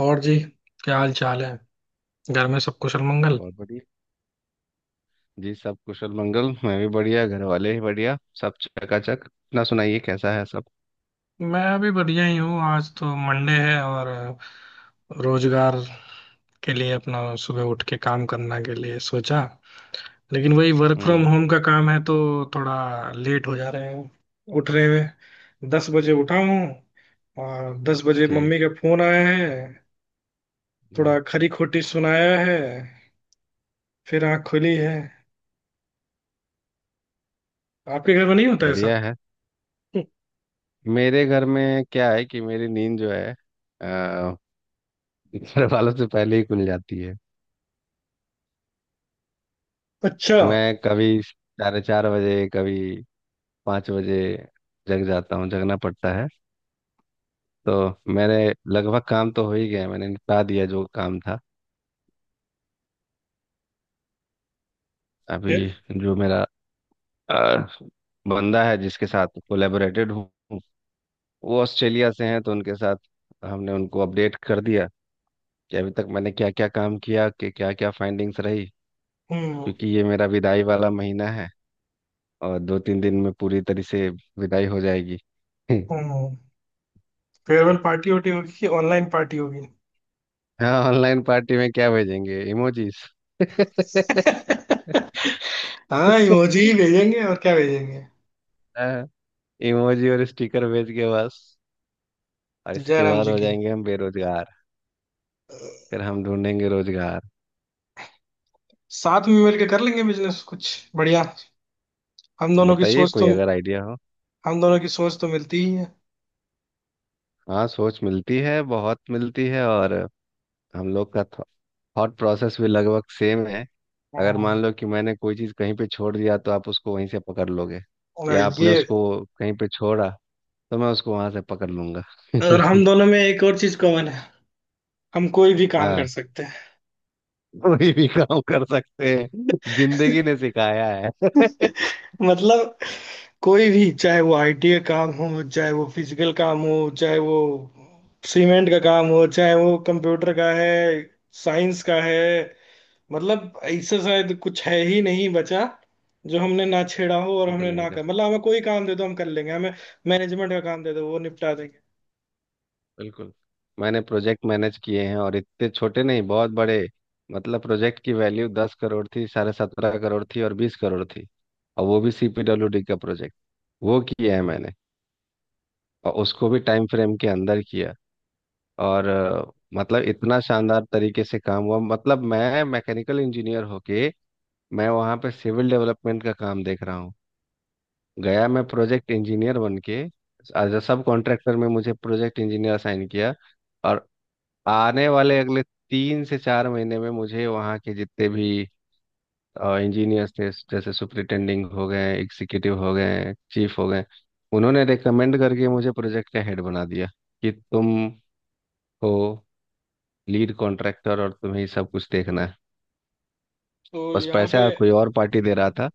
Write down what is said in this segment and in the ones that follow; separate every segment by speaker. Speaker 1: और जी, क्या हाल चाल है। घर में सब कुशल मंगल।
Speaker 2: बहुत बढ़िया। जी, सब कुशल मंगल। मैं भी बढ़िया, घर वाले भी बढ़िया, सब चकाचक। अपना सुनाइए, कैसा है सब?
Speaker 1: मैं अभी बढ़िया ही हूँ। आज तो मंडे है और रोजगार के लिए अपना सुबह उठ के काम करने के लिए सोचा, लेकिन वही वर्क
Speaker 2: हम्म।
Speaker 1: फ्रॉम होम का काम है, तो थोड़ा लेट हो जा रहे हैं। उठ रहे हुए 10 बजे उठा हूँ, और दस बजे
Speaker 2: जी,
Speaker 1: मम्मी का फोन आया है।
Speaker 2: जी।
Speaker 1: थोड़ा खरी खोटी सुनाया है, फिर आँख खुली है। आपके घर में नहीं होता ऐसा?
Speaker 2: बढ़िया है। मेरे घर में क्या है कि मेरी नींद जो है अ, घर वालों से पहले ही खुल जाती है।
Speaker 1: अच्छा।
Speaker 2: मैं कभी 4:30 बजे, कभी 5 बजे जग जाता हूँ, जगना पड़ता है। तो मैंने लगभग काम तो हो ही गया है, मैंने निपटा दिया जो काम था अभी।
Speaker 1: फिर।
Speaker 2: जो मेरा अ, बंदा है जिसके साथ कोलेबोरेटेड हूँ, वो ऑस्ट्रेलिया से हैं, तो उनके साथ हमने उनको अपडेट कर दिया कि अभी तक मैंने क्या क्या काम किया, कि क्या क्या फाइंडिंग्स रही।
Speaker 1: हम्म।
Speaker 2: क्योंकि ये मेरा विदाई वाला महीना है, और दो तीन दिन में पूरी तरह से विदाई हो जाएगी।
Speaker 1: हम्म। फेयरवेल पार्टी होटी होगी कि ऑनलाइन पार्टी होगी?
Speaker 2: हाँ, ऑनलाइन पार्टी में क्या भेजेंगे, इमोजीज?
Speaker 1: हाँ, इमोजी ही भेजेंगे, और क्या भेजेंगे।
Speaker 2: हाँ, इमोजी और स्टिकर भेज के बस। और इसके
Speaker 1: जयराम
Speaker 2: बाद
Speaker 1: जी
Speaker 2: हो
Speaker 1: की।
Speaker 2: जाएंगे हम बेरोजगार। फिर हम ढूंढेंगे रोजगार।
Speaker 1: साथ में मिलकर कर लेंगे बिजनेस कुछ। बढ़िया। हम दोनों की
Speaker 2: बताइए
Speaker 1: सोच
Speaker 2: कोई
Speaker 1: तो,
Speaker 2: अगर आइडिया हो।
Speaker 1: हम दोनों की सोच तो मिलती ही है।
Speaker 2: हाँ, सोच मिलती है, बहुत मिलती है, और हम लोग का थॉट प्रोसेस भी लगभग सेम है। अगर
Speaker 1: हम्म।
Speaker 2: मान लो कि मैंने कोई चीज़ कहीं पे छोड़ दिया, तो आप उसको वहीं से पकड़ लोगे,
Speaker 1: और
Speaker 2: या आपने
Speaker 1: ये
Speaker 2: उसको कहीं पे छोड़ा, तो मैं उसको वहां से पकड़ लूंगा।
Speaker 1: और हम दोनों में एक और चीज कॉमन है, हम कोई भी काम
Speaker 2: हाँ,
Speaker 1: कर सकते हैं।
Speaker 2: कोई भी काम कर सकते हैं, जिंदगी ने सिखाया है।
Speaker 1: मतलब कोई भी, चाहे वो आईटी का काम हो, चाहे वो फिजिकल काम हो, चाहे वो सीमेंट का काम हो, चाहे वो कंप्यूटर का है, साइंस का है। मतलब ऐसा शायद कुछ है ही नहीं बचा जो हमने ना छेड़ा हो, और
Speaker 2: ये तो
Speaker 1: हमने
Speaker 2: नहीं
Speaker 1: ना
Speaker 2: कर
Speaker 1: कर,
Speaker 2: सकते।
Speaker 1: मतलब हमें कोई काम दे दो, हम कर लेंगे। हमें मैनेजमेंट का काम दे दो, वो निपटा देंगे।
Speaker 2: बिल्कुल। मैंने प्रोजेक्ट मैनेज किए हैं, और इतने छोटे नहीं, बहुत बड़े। मतलब प्रोजेक्ट की वैल्यू 10 करोड़ थी, 17.5 करोड़ थी, और 20 करोड़ थी। और वो भी सीपीडब्ल्यूडी का प्रोजेक्ट, वो किया है मैंने। और उसको भी टाइम फ्रेम के अंदर किया। और मतलब इतना शानदार तरीके से काम हुआ, मतलब मैं मैकेनिकल इंजीनियर होके मैं वहाँ पे सिविल डेवलपमेंट का काम देख रहा हूँ। गया मैं प्रोजेक्ट इंजीनियर बन के, एज अ सब कॉन्ट्रैक्टर में मुझे प्रोजेक्ट इंजीनियर असाइन किया। और आने वाले अगले 3 से 4 महीने में मुझे वहाँ के जितने भी इंजीनियर्स थे, जैसे सुपरिटेंडिंग हो गए, एग्जीक्यूटिव हो गए, चीफ हो गए, उन्होंने रिकमेंड करके मुझे प्रोजेक्ट का हेड बना दिया कि तुम हो लीड कॉन्ट्रैक्टर और तुम्हें ही सब कुछ देखना है।
Speaker 1: तो
Speaker 2: बस
Speaker 1: यहाँ पे।
Speaker 2: पैसा कोई और पार्टी दे रहा था,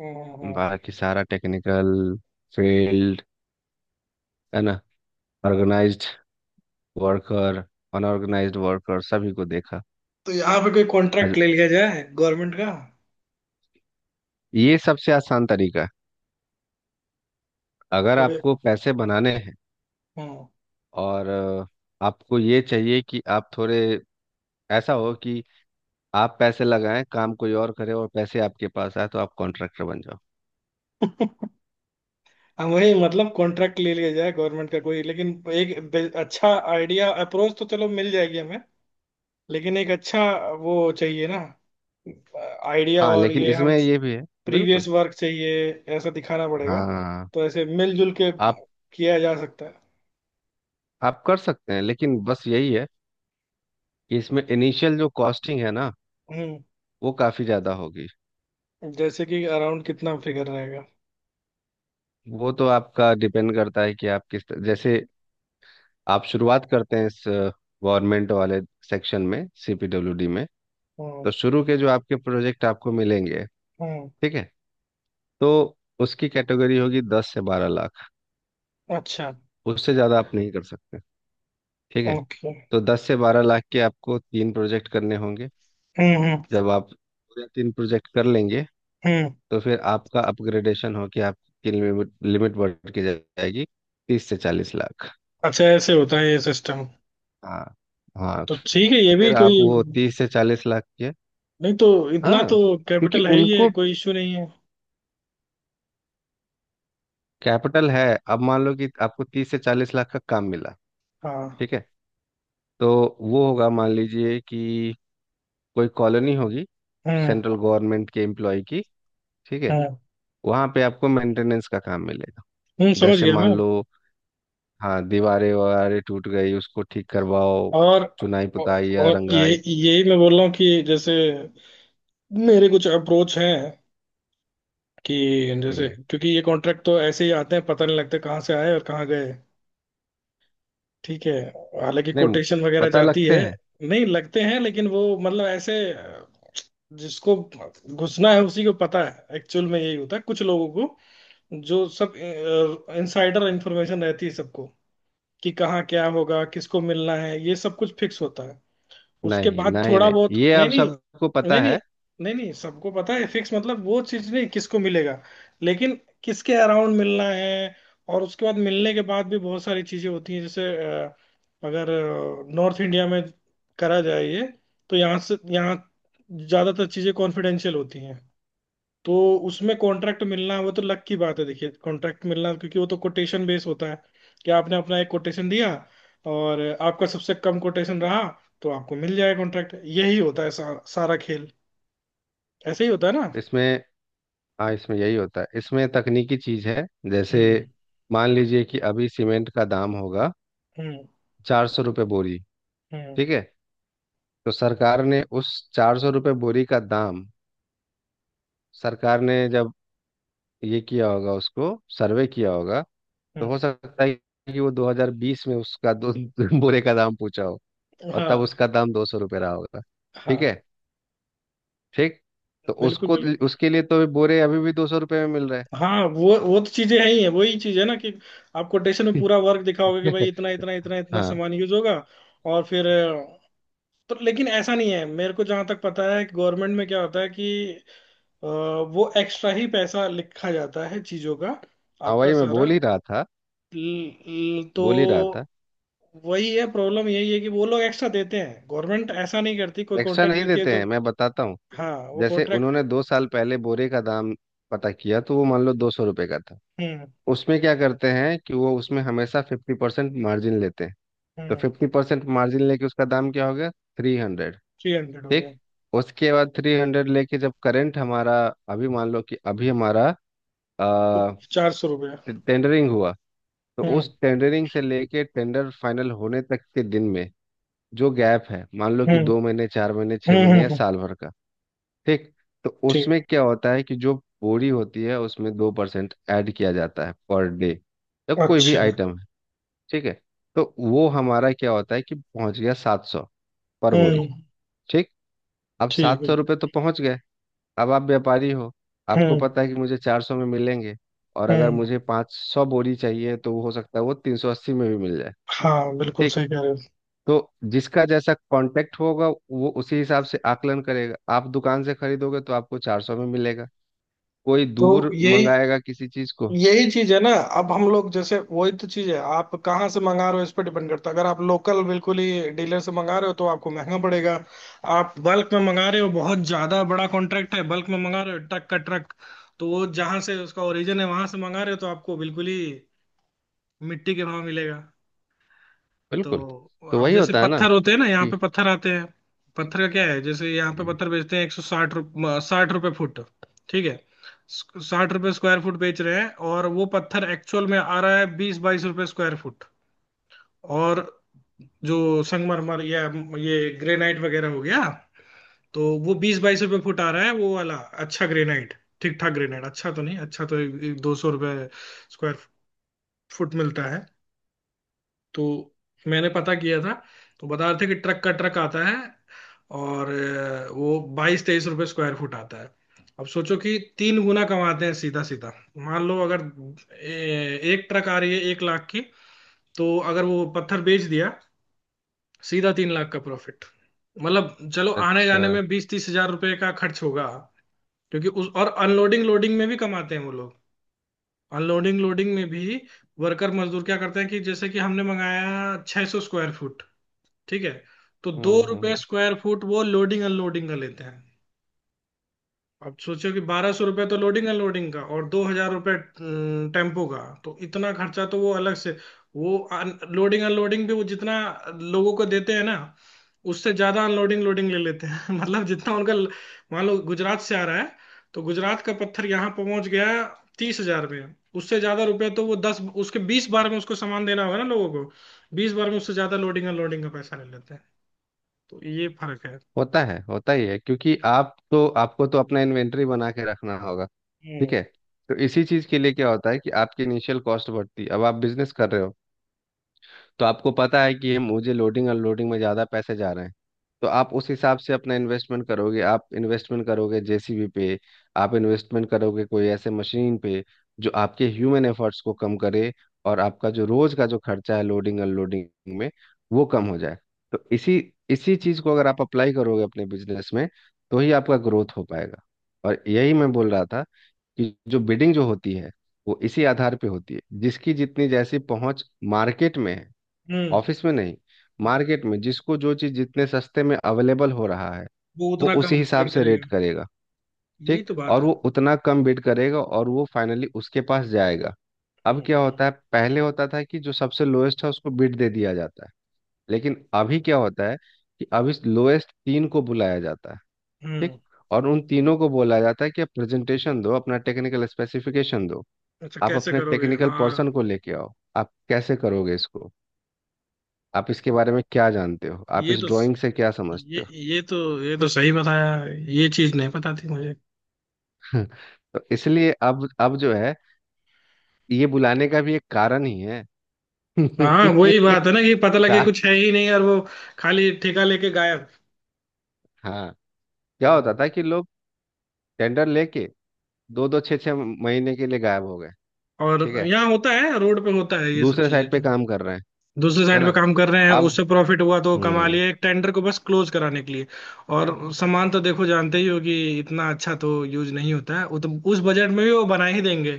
Speaker 1: हाँ, हाँ, हाँ।
Speaker 2: बाकी सारा टेक्निकल फील्ड है ना। ऑर्गेनाइज्ड वर्कर, अनऑर्गेनाइज्ड वर्कर सभी को देखा।
Speaker 1: तो यहाँ पे कोई कॉन्ट्रैक्ट
Speaker 2: और
Speaker 1: ले लिया जाए गवर्नमेंट का।
Speaker 2: ये सबसे आसान तरीका है अगर
Speaker 1: थोड़े।
Speaker 2: आपको पैसे बनाने हैं।
Speaker 1: हाँ।
Speaker 2: और आपको ये चाहिए कि आप थोड़े ऐसा हो कि आप पैसे लगाएं, काम कोई और करे और पैसे आपके पास आए, तो आप कॉन्ट्रैक्टर बन जाओ।
Speaker 1: हाँ वही, मतलब कॉन्ट्रैक्ट ले लिया जाए गवर्नमेंट का कोई, लेकिन एक अच्छा आइडिया, अप्रोच तो चलो मिल जाएगी हमें, लेकिन एक अच्छा वो चाहिए ना, आइडिया।
Speaker 2: हाँ,
Speaker 1: और
Speaker 2: लेकिन
Speaker 1: ये हम
Speaker 2: इसमें ये भी है। बिल्कुल।
Speaker 1: प्रीवियस वर्क चाहिए, ऐसा दिखाना पड़ेगा।
Speaker 2: हाँ,
Speaker 1: तो ऐसे मिलजुल के
Speaker 2: आप
Speaker 1: किया जा सकता है।
Speaker 2: आप कर सकते हैं, लेकिन बस यही है कि इसमें इनिशियल जो कॉस्टिंग है ना,
Speaker 1: हम्म।
Speaker 2: वो काफ़ी ज़्यादा होगी।
Speaker 1: जैसे कि अराउंड कितना फिगर रहेगा?
Speaker 2: वो तो आपका डिपेंड करता है कि आप जैसे आप शुरुआत करते हैं इस गवर्नमेंट वाले सेक्शन में, सीपीडब्ल्यूडी में।
Speaker 1: हम्म।
Speaker 2: तो शुरू के जो आपके प्रोजेक्ट आपको मिलेंगे,
Speaker 1: हम्म।
Speaker 2: ठीक है, तो उसकी कैटेगरी होगी 10 से 12 लाख।
Speaker 1: अच्छा।
Speaker 2: उससे ज़्यादा आप नहीं कर सकते। ठीक है,
Speaker 1: ओके।
Speaker 2: तो 10 से 12 लाख के आपको तीन प्रोजेक्ट करने होंगे।
Speaker 1: हम्म हम्म
Speaker 2: जब आप पूरे तीन प्रोजेक्ट कर लेंगे,
Speaker 1: हम्म।
Speaker 2: तो फिर आपका अपग्रेडेशन हो कि आपकी लिमिट लिमिट बढ़ के जाएगी 30 से 40 लाख।
Speaker 1: अच्छा, ऐसे होता है ये सिस्टम।
Speaker 2: हाँ, हाँ।
Speaker 1: तो ठीक है, ये भी
Speaker 2: फिर आप
Speaker 1: कोई।
Speaker 2: वो 30 से 40 लाख के।
Speaker 1: नहीं तो इतना
Speaker 2: हाँ,
Speaker 1: तो
Speaker 2: क्योंकि
Speaker 1: कैपिटल है ही है,
Speaker 2: उनको
Speaker 1: कोई इश्यू नहीं है।
Speaker 2: कैपिटल है। अब मान लो कि आपको 30 से 40 लाख का काम मिला,
Speaker 1: हाँ।
Speaker 2: ठीक है। तो वो होगा मान लीजिए कि कोई कॉलोनी होगी, सेंट्रल
Speaker 1: हम्म।
Speaker 2: गवर्नमेंट के एम्प्लॉय की, ठीक है।
Speaker 1: हम्म।
Speaker 2: वहाँ पे आपको मेंटेनेंस का काम मिलेगा।
Speaker 1: समझ
Speaker 2: जैसे
Speaker 1: गया मैं।
Speaker 2: मान लो, हाँ, दीवारें वगैरह टूट गई उसको ठीक करवाओ,
Speaker 1: और।
Speaker 2: चुनाई पुताई या
Speaker 1: और ये
Speaker 2: रंगाई।
Speaker 1: यही मैं बोल रहा हूँ कि जैसे मेरे कुछ अप्रोच हैं, कि जैसे,
Speaker 2: हम्म।
Speaker 1: क्योंकि ये कॉन्ट्रैक्ट तो ऐसे ही आते हैं, पता नहीं लगता कहाँ से आए और कहाँ गए। ठीक है, हालांकि
Speaker 2: नहीं,
Speaker 1: कोटेशन वगैरह
Speaker 2: पता
Speaker 1: जाती
Speaker 2: लगते
Speaker 1: है।
Speaker 2: हैं।
Speaker 1: नहीं लगते हैं, लेकिन वो मतलब ऐसे जिसको घुसना है उसी को पता है, एक्चुअल में यही होता है। कुछ लोगों को जो सब इनसाइडर इंफॉर्मेशन रहती है सबको, कि कहाँ क्या होगा, किसको मिलना है, ये सब कुछ फिक्स होता है। उसके
Speaker 2: नहीं,
Speaker 1: बाद
Speaker 2: नहीं,
Speaker 1: थोड़ा
Speaker 2: नहीं,
Speaker 1: बहुत,
Speaker 2: ये
Speaker 1: नहीं
Speaker 2: अब
Speaker 1: नहीं
Speaker 2: सबको
Speaker 1: नहीं
Speaker 2: पता
Speaker 1: नहीं।
Speaker 2: है।
Speaker 1: नहीं नहीं, सबको पता है, फिक्स मतलब वो चीज नहीं, किसको मिलेगा, लेकिन किसके अराउंड मिलना है। और उसके बाद मिलने के बाद भी बहुत सारी चीजें होती हैं जैसे, अ, अगर नॉर्थ इंडिया में करा जाए ये, तो यहाँ से यहाँ ज्यादातर चीजें कॉन्फिडेंशियल होती हैं। तो उसमें कॉन्ट्रैक्ट मिलना वो तो लक की बात है, देखिए कॉन्ट्रैक्ट मिलना, क्योंकि वो तो कोटेशन बेस होता है कि आपने अपना एक कोटेशन दिया, और आपका सबसे कम कोटेशन रहा, तो आपको मिल जाएगा कॉन्ट्रैक्ट। यही होता है सारा, सारा खेल। ऐसे ही होता है ना?
Speaker 2: इसमें हाँ, इसमें यही होता है, इसमें तकनीकी चीज है। जैसे
Speaker 1: हम्म।
Speaker 2: मान लीजिए कि अभी सीमेंट का दाम होगा
Speaker 1: हम्म।
Speaker 2: 400 रुपये बोरी,
Speaker 1: हम्म।
Speaker 2: ठीक है। तो सरकार ने उस 400 रुपये बोरी का दाम, सरकार ने जब ये किया होगा उसको सर्वे किया होगा। तो हो
Speaker 1: हम्म।
Speaker 2: सकता है कि वो 2020 में उसका दो बोरे का दाम पूछा हो, और तब
Speaker 1: हाँ।
Speaker 2: उसका दाम 200 रुपये रहा होगा। ठीक
Speaker 1: हाँ,
Speaker 2: है, ठीक। तो
Speaker 1: बिल्कुल
Speaker 2: उसको
Speaker 1: बिल्कुल।
Speaker 2: उसके लिए तो बोरे अभी भी 200 रुपये में मिल रहा है।
Speaker 1: हाँ वो तो चीजें हैं ही है, वही चीज है ना कि आप कोटेशन में पूरा वर्क दिखाओगे कि
Speaker 2: ठीक
Speaker 1: भाई
Speaker 2: है।
Speaker 1: इतना इतना इतना इतना
Speaker 2: हाँ,
Speaker 1: सामान यूज होगा। और फिर, तो लेकिन ऐसा नहीं है। मेरे को जहां तक पता है गवर्नमेंट में क्या होता है कि वो एक्स्ट्रा ही पैसा लिखा जाता है चीजों का।
Speaker 2: हाँ,
Speaker 1: आपका
Speaker 2: वही मैं
Speaker 1: सारा
Speaker 2: बोल ही रहा था,
Speaker 1: तो
Speaker 2: बोल ही रहा था।
Speaker 1: वही है प्रॉब्लम, यही है कि वो लोग एक्स्ट्रा देते हैं। गवर्नमेंट ऐसा नहीं करती, कोई
Speaker 2: एक्स्ट्रा
Speaker 1: कॉन्ट्रैक्ट
Speaker 2: नहीं
Speaker 1: देती है
Speaker 2: देते
Speaker 1: तो।
Speaker 2: हैं, मैं बताता हूँ।
Speaker 1: हाँ वो
Speaker 2: जैसे
Speaker 1: कॉन्ट्रैक्ट।
Speaker 2: उन्होंने 2 साल पहले बोरे का दाम पता किया, तो वो मान लो 200 रुपये का था।
Speaker 1: हम्म।
Speaker 2: उसमें क्या करते हैं कि वो उसमें हमेशा 50% मार्जिन लेते हैं। तो
Speaker 1: हम्म।
Speaker 2: 50% मार्जिन लेके उसका दाम क्या हो गया, 300।
Speaker 1: 300 हो
Speaker 2: ठीक।
Speaker 1: गया।
Speaker 2: उसके बाद 300 लेके जब करंट हमारा, अभी मान लो कि अभी हमारा
Speaker 1: तो 400 रुपया।
Speaker 2: टेंडरिंग हुआ। तो
Speaker 1: हम्म।
Speaker 2: उस टेंडरिंग से लेके टेंडर फाइनल होने तक के दिन में जो गैप है, मान लो कि
Speaker 1: हम्म।
Speaker 2: 2 महीने, 4 महीने, छह
Speaker 1: हम्म।
Speaker 2: महीने या साल भर का, ठीक। तो
Speaker 1: ठीक।
Speaker 2: उसमें क्या होता है कि जो बोरी होती है उसमें 2% ऐड किया जाता है पर डे, या कोई भी
Speaker 1: अच्छा।
Speaker 2: आइटम है, ठीक है। तो वो हमारा क्या होता है कि पहुंच गया 700 पर बोरी।
Speaker 1: हम्म।
Speaker 2: ठीक। अब
Speaker 1: ठीक
Speaker 2: सात
Speaker 1: है।
Speaker 2: सौ रुपये तो पहुंच गए। अब आप व्यापारी हो, आपको
Speaker 1: हम्म।
Speaker 2: पता है कि मुझे 400 में मिलेंगे, और अगर
Speaker 1: हम्म।
Speaker 2: मुझे 500 बोरी चाहिए, तो वो हो सकता है वो 380 में भी मिल जाए।
Speaker 1: हाँ, बिल्कुल
Speaker 2: ठीक।
Speaker 1: सही कह रहे हो।
Speaker 2: तो जिसका जैसा कांटेक्ट होगा वो उसी हिसाब से आकलन करेगा। आप दुकान से खरीदोगे तो आपको 400 में मिलेगा, कोई
Speaker 1: तो
Speaker 2: दूर
Speaker 1: यही,
Speaker 2: मंगाएगा किसी चीज को।
Speaker 1: यही चीज है ना। अब हम लोग जैसे, वही तो चीज है, आप कहाँ से मंगा रहे हो इस पर डिपेंड करता है। अगर आप लोकल बिल्कुल ही डीलर से मंगा रहे हो तो आपको महंगा पड़ेगा। आप बल्क में मंगा रहे हो, बहुत ज्यादा बड़ा कॉन्ट्रैक्ट है, बल्क में मंगा रहे हो ट्रक का ट्रक, तो वो जहाँ से उसका ओरिजिन है वहां से मंगा रहे हो, तो आपको बिल्कुल ही मिट्टी के भाव मिलेगा।
Speaker 2: बिल्कुल।
Speaker 1: तो
Speaker 2: तो
Speaker 1: अब
Speaker 2: वही
Speaker 1: जैसे
Speaker 2: होता है ना
Speaker 1: पत्थर होते हैं ना, यहाँ
Speaker 2: कि।
Speaker 1: पे पत्थर आते हैं। पत्थर का क्या है, जैसे यहाँ पे
Speaker 2: जी,
Speaker 1: पत्थर बेचते हैं 160 रुपये, 60 रुपये फुट। ठीक है, 60 रुपए स्क्वायर फुट बेच रहे हैं, और वो पत्थर एक्चुअल में आ रहा है 20-22 रुपए स्क्वायर फुट। और जो संगमरमर या ये ग्रेनाइट वगैरह हो गया, तो वो 20-22 रुपए फुट आ रहा है वो वाला। अच्छा ग्रेनाइट, ठीक ठाक ग्रेनाइट, अच्छा तो नहीं, अच्छा तो 200 रुपए स्क्वायर फुट मिलता है। तो मैंने पता किया था, तो बता रहे थे कि ट्रक का ट्रक आता है, और वो 22-23 रुपए स्क्वायर फुट आता है। अब सोचो कि 3 गुना कमाते हैं सीधा सीधा। मान लो, अगर एक ट्रक आ रही है 1 लाख की, तो अगर वो पत्थर बेच दिया, सीधा 3 लाख का प्रॉफिट। मतलब चलो, आने
Speaker 2: अच्छा।
Speaker 1: जाने में 20-30 हज़ार रुपए का खर्च होगा, क्योंकि उस और अनलोडिंग लोडिंग में भी कमाते हैं वो लोग। अनलोडिंग लोडिंग में भी वर्कर मजदूर क्या करते हैं कि जैसे कि हमने मंगाया 600 स्क्वायर फुट, ठीक है, तो दो
Speaker 2: हम्म, हम्म,
Speaker 1: रुपए स्क्वायर फुट वो लोडिंग अनलोडिंग का लेते हैं। अब सोचो कि 1,200 रुपये तो लोडिंग अनलोडिंग का, और 2,000 रुपये टेम्पो का, तो इतना खर्चा तो वो अलग से। वो लोडिंग अनलोडिंग भी वो जितना लोगों को देते हैं ना, उससे ज्यादा अनलोडिंग लोडिंग ले लेते हैं। मतलब जितना उनका, मान लो गुजरात से आ रहा है, तो गुजरात का पत्थर यहाँ पहुंच गया 30,000 में, उससे ज्यादा रुपए तो वो दस उसके 20 बार में उसको सामान देना होगा ना लोगों को। 20 बार में उससे ज्यादा लोडिंग अनलोडिंग का पैसा ले लेते हैं, तो ये फर्क है।
Speaker 2: होता है, होता ही है, क्योंकि आप तो आपको तो अपना इन्वेंटरी बना के रखना होगा, ठीक
Speaker 1: हम्म।
Speaker 2: है। तो इसी चीज के लिए क्या होता है कि आपकी इनिशियल कॉस्ट बढ़ती है। अब आप बिजनेस कर रहे हो, तो आपको पता है कि ये मुझे लोडिंग अनलोडिंग में ज़्यादा पैसे जा रहे हैं। तो आप उस हिसाब से अपना इन्वेस्टमेंट करोगे, आप इन्वेस्टमेंट करोगे जेसीबी पे, आप इन्वेस्टमेंट करोगे कोई ऐसे मशीन पे जो आपके ह्यूमन एफर्ट्स को कम करे, और आपका जो रोज का जो खर्चा है लोडिंग अनलोडिंग में, वो कम हो जाए। तो इसी इसी चीज़ को अगर आप अप्लाई करोगे अपने बिजनेस में, तो ही आपका ग्रोथ हो पाएगा। और यही मैं बोल रहा था कि जो बिडिंग जो होती है, वो इसी आधार पे होती है, जिसकी जितनी जैसी पहुंच मार्केट में है, ऑफिस में नहीं।
Speaker 1: हम्म,
Speaker 2: मार्केट में जिसको जो चीज़ जितने सस्ते में अवेलेबल हो रहा है,
Speaker 1: वो
Speaker 2: वो
Speaker 1: उतना कम
Speaker 2: उसी हिसाब
Speaker 1: वेट
Speaker 2: से
Speaker 1: करेगा।
Speaker 2: रेट करेगा,
Speaker 1: यही
Speaker 2: ठीक।
Speaker 1: तो बात
Speaker 2: और
Speaker 1: है।
Speaker 2: वो उतना कम बिड करेगा, और वो फाइनली उसके पास जाएगा। अब
Speaker 1: हम्म।
Speaker 2: क्या होता है, पहले होता था कि जो सबसे लोएस्ट है उसको बिड दे दिया जाता है। लेकिन अभी क्या होता है कि अभी लोएस्ट तीन को बुलाया जाता है, ठीक।
Speaker 1: हम्म,
Speaker 2: और उन तीनों को बोला जाता है कि आप प्रेजेंटेशन दो, अपना टेक्निकल स्पेसिफिकेशन दो,
Speaker 1: अच्छा
Speaker 2: आप
Speaker 1: कैसे
Speaker 2: अपने
Speaker 1: करोगे
Speaker 2: टेक्निकल
Speaker 1: हाँ।
Speaker 2: पर्सन को लेके आओ, आप कैसे करोगे इसको, आप इसके बारे में क्या जानते हो, आप
Speaker 1: ये
Speaker 2: इस
Speaker 1: तो
Speaker 2: ड्राइंग से क्या समझते
Speaker 1: ये
Speaker 2: हो।
Speaker 1: ये तो ये तो सही बताया, ये चीज नहीं पता थी मुझे।
Speaker 2: तो इसलिए अब जो है ये बुलाने का भी एक कारण ही है।
Speaker 1: हाँ वही बात है ना, कि पता लगे
Speaker 2: तार
Speaker 1: कुछ है ही नहीं, और वो खाली ठेका लेके गायब।
Speaker 2: हाँ, क्या होता
Speaker 1: हाँ।
Speaker 2: था कि लोग टेंडर लेके दो दो छः छः महीने के लिए गायब हो गए, ठीक
Speaker 1: और
Speaker 2: है,
Speaker 1: यहाँ होता है, रोड पे होता है, ये सब
Speaker 2: दूसरे
Speaker 1: चीजें
Speaker 2: साइड
Speaker 1: तो।
Speaker 2: पे काम कर रहे हैं,
Speaker 1: दूसरे
Speaker 2: है
Speaker 1: साइड पे
Speaker 2: ना।
Speaker 1: काम कर रहे हैं,
Speaker 2: अब।
Speaker 1: उससे प्रॉफिट हुआ तो कमा
Speaker 2: हम्म।
Speaker 1: लिए, एक टेंडर को बस क्लोज कराने के लिए। और सामान तो देखो जानते ही हो, कि इतना अच्छा तो यूज नहीं होता है, वो तो उस बजट में भी वो बना ही देंगे।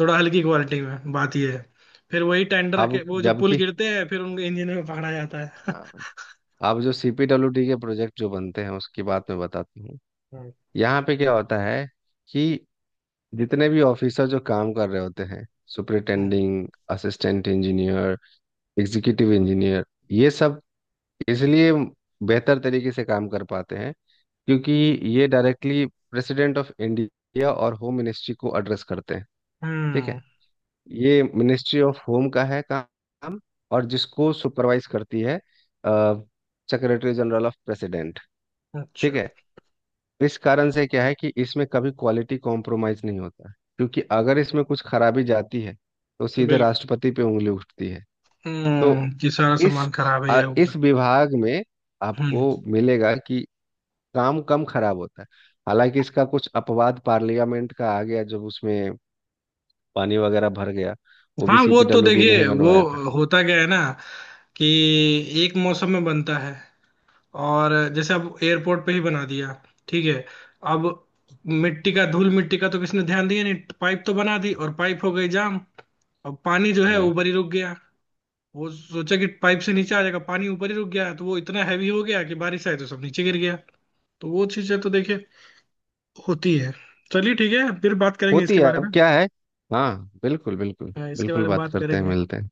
Speaker 1: थोड़ा हल्की क्वालिटी में, बात ये है। फिर वही टेंडर के
Speaker 2: अब
Speaker 1: वो जो पुल
Speaker 2: जबकि
Speaker 1: गिरते हैं, फिर उनके इंजन में पकड़ा जाता है।
Speaker 2: हाँ, अब जो सीपीडब्ल्यूडी के प्रोजेक्ट जो बनते हैं उसकी बात मैं बताती हूँ।
Speaker 1: हम्म,
Speaker 2: यहाँ पे क्या होता है कि जितने भी ऑफिसर जो काम कर रहे होते हैं,
Speaker 1: हम्म।
Speaker 2: Superintending assistant engineer, executive engineer, ये सब इसलिए बेहतर तरीके से काम कर पाते हैं, क्योंकि ये डायरेक्टली प्रेसिडेंट ऑफ इंडिया और होम मिनिस्ट्री को एड्रेस करते हैं। ठीक
Speaker 1: हम्म।
Speaker 2: है। ये मिनिस्ट्री ऑफ होम का है काम, और जिसको सुपरवाइज करती है सेक्रेटरी जनरल ऑफ प्रेसिडेंट।
Speaker 1: अच्छा।
Speaker 2: ठीक है। इस कारण से क्या है कि इसमें कभी क्वालिटी कॉम्प्रोमाइज नहीं होता, क्योंकि अगर इसमें कुछ खराबी जाती है, तो सीधे
Speaker 1: बिल्कुल।
Speaker 2: राष्ट्रपति पे उंगली उठती है। तो
Speaker 1: कि सारा
Speaker 2: इस
Speaker 1: सामान खराब है
Speaker 2: अ,
Speaker 1: या
Speaker 2: इस
Speaker 1: होगा।
Speaker 2: विभाग में
Speaker 1: हम्म।
Speaker 2: आपको मिलेगा कि काम कम खराब होता है। हालांकि इसका कुछ अपवाद पार्लियामेंट का आ गया, जब उसमें पानी वगैरह भर गया। वो भी
Speaker 1: हाँ वो तो
Speaker 2: सीपीडब्ल्यूडी ने ही
Speaker 1: देखिए, वो
Speaker 2: बनवाया था।
Speaker 1: होता क्या है ना, कि एक मौसम में बनता है। और जैसे अब एयरपोर्ट पे ही बना दिया, ठीक है, अब मिट्टी का, धूल मिट्टी का तो किसने ध्यान दिया नहीं। पाइप तो बना दी, और पाइप हो गई जाम, अब पानी जो है
Speaker 2: हम्म।
Speaker 1: ऊपर ही रुक गया। वो सोचा कि पाइप से नीचे आ जाएगा, पानी ऊपर ही रुक गया, तो वो इतना हैवी हो गया कि बारिश आई तो सब नीचे गिर गया। तो वो चीजें तो देखिए होती है। चलिए ठीक है, फिर बात करेंगे
Speaker 2: होती
Speaker 1: इसके
Speaker 2: है,
Speaker 1: बारे में।
Speaker 2: अब क्या है। हाँ, बिल्कुल, बिल्कुल,
Speaker 1: हाँ, इसके
Speaker 2: बिल्कुल,
Speaker 1: बारे में
Speaker 2: बात
Speaker 1: बात
Speaker 2: करते हैं,
Speaker 1: करेंगे।
Speaker 2: मिलते हैं।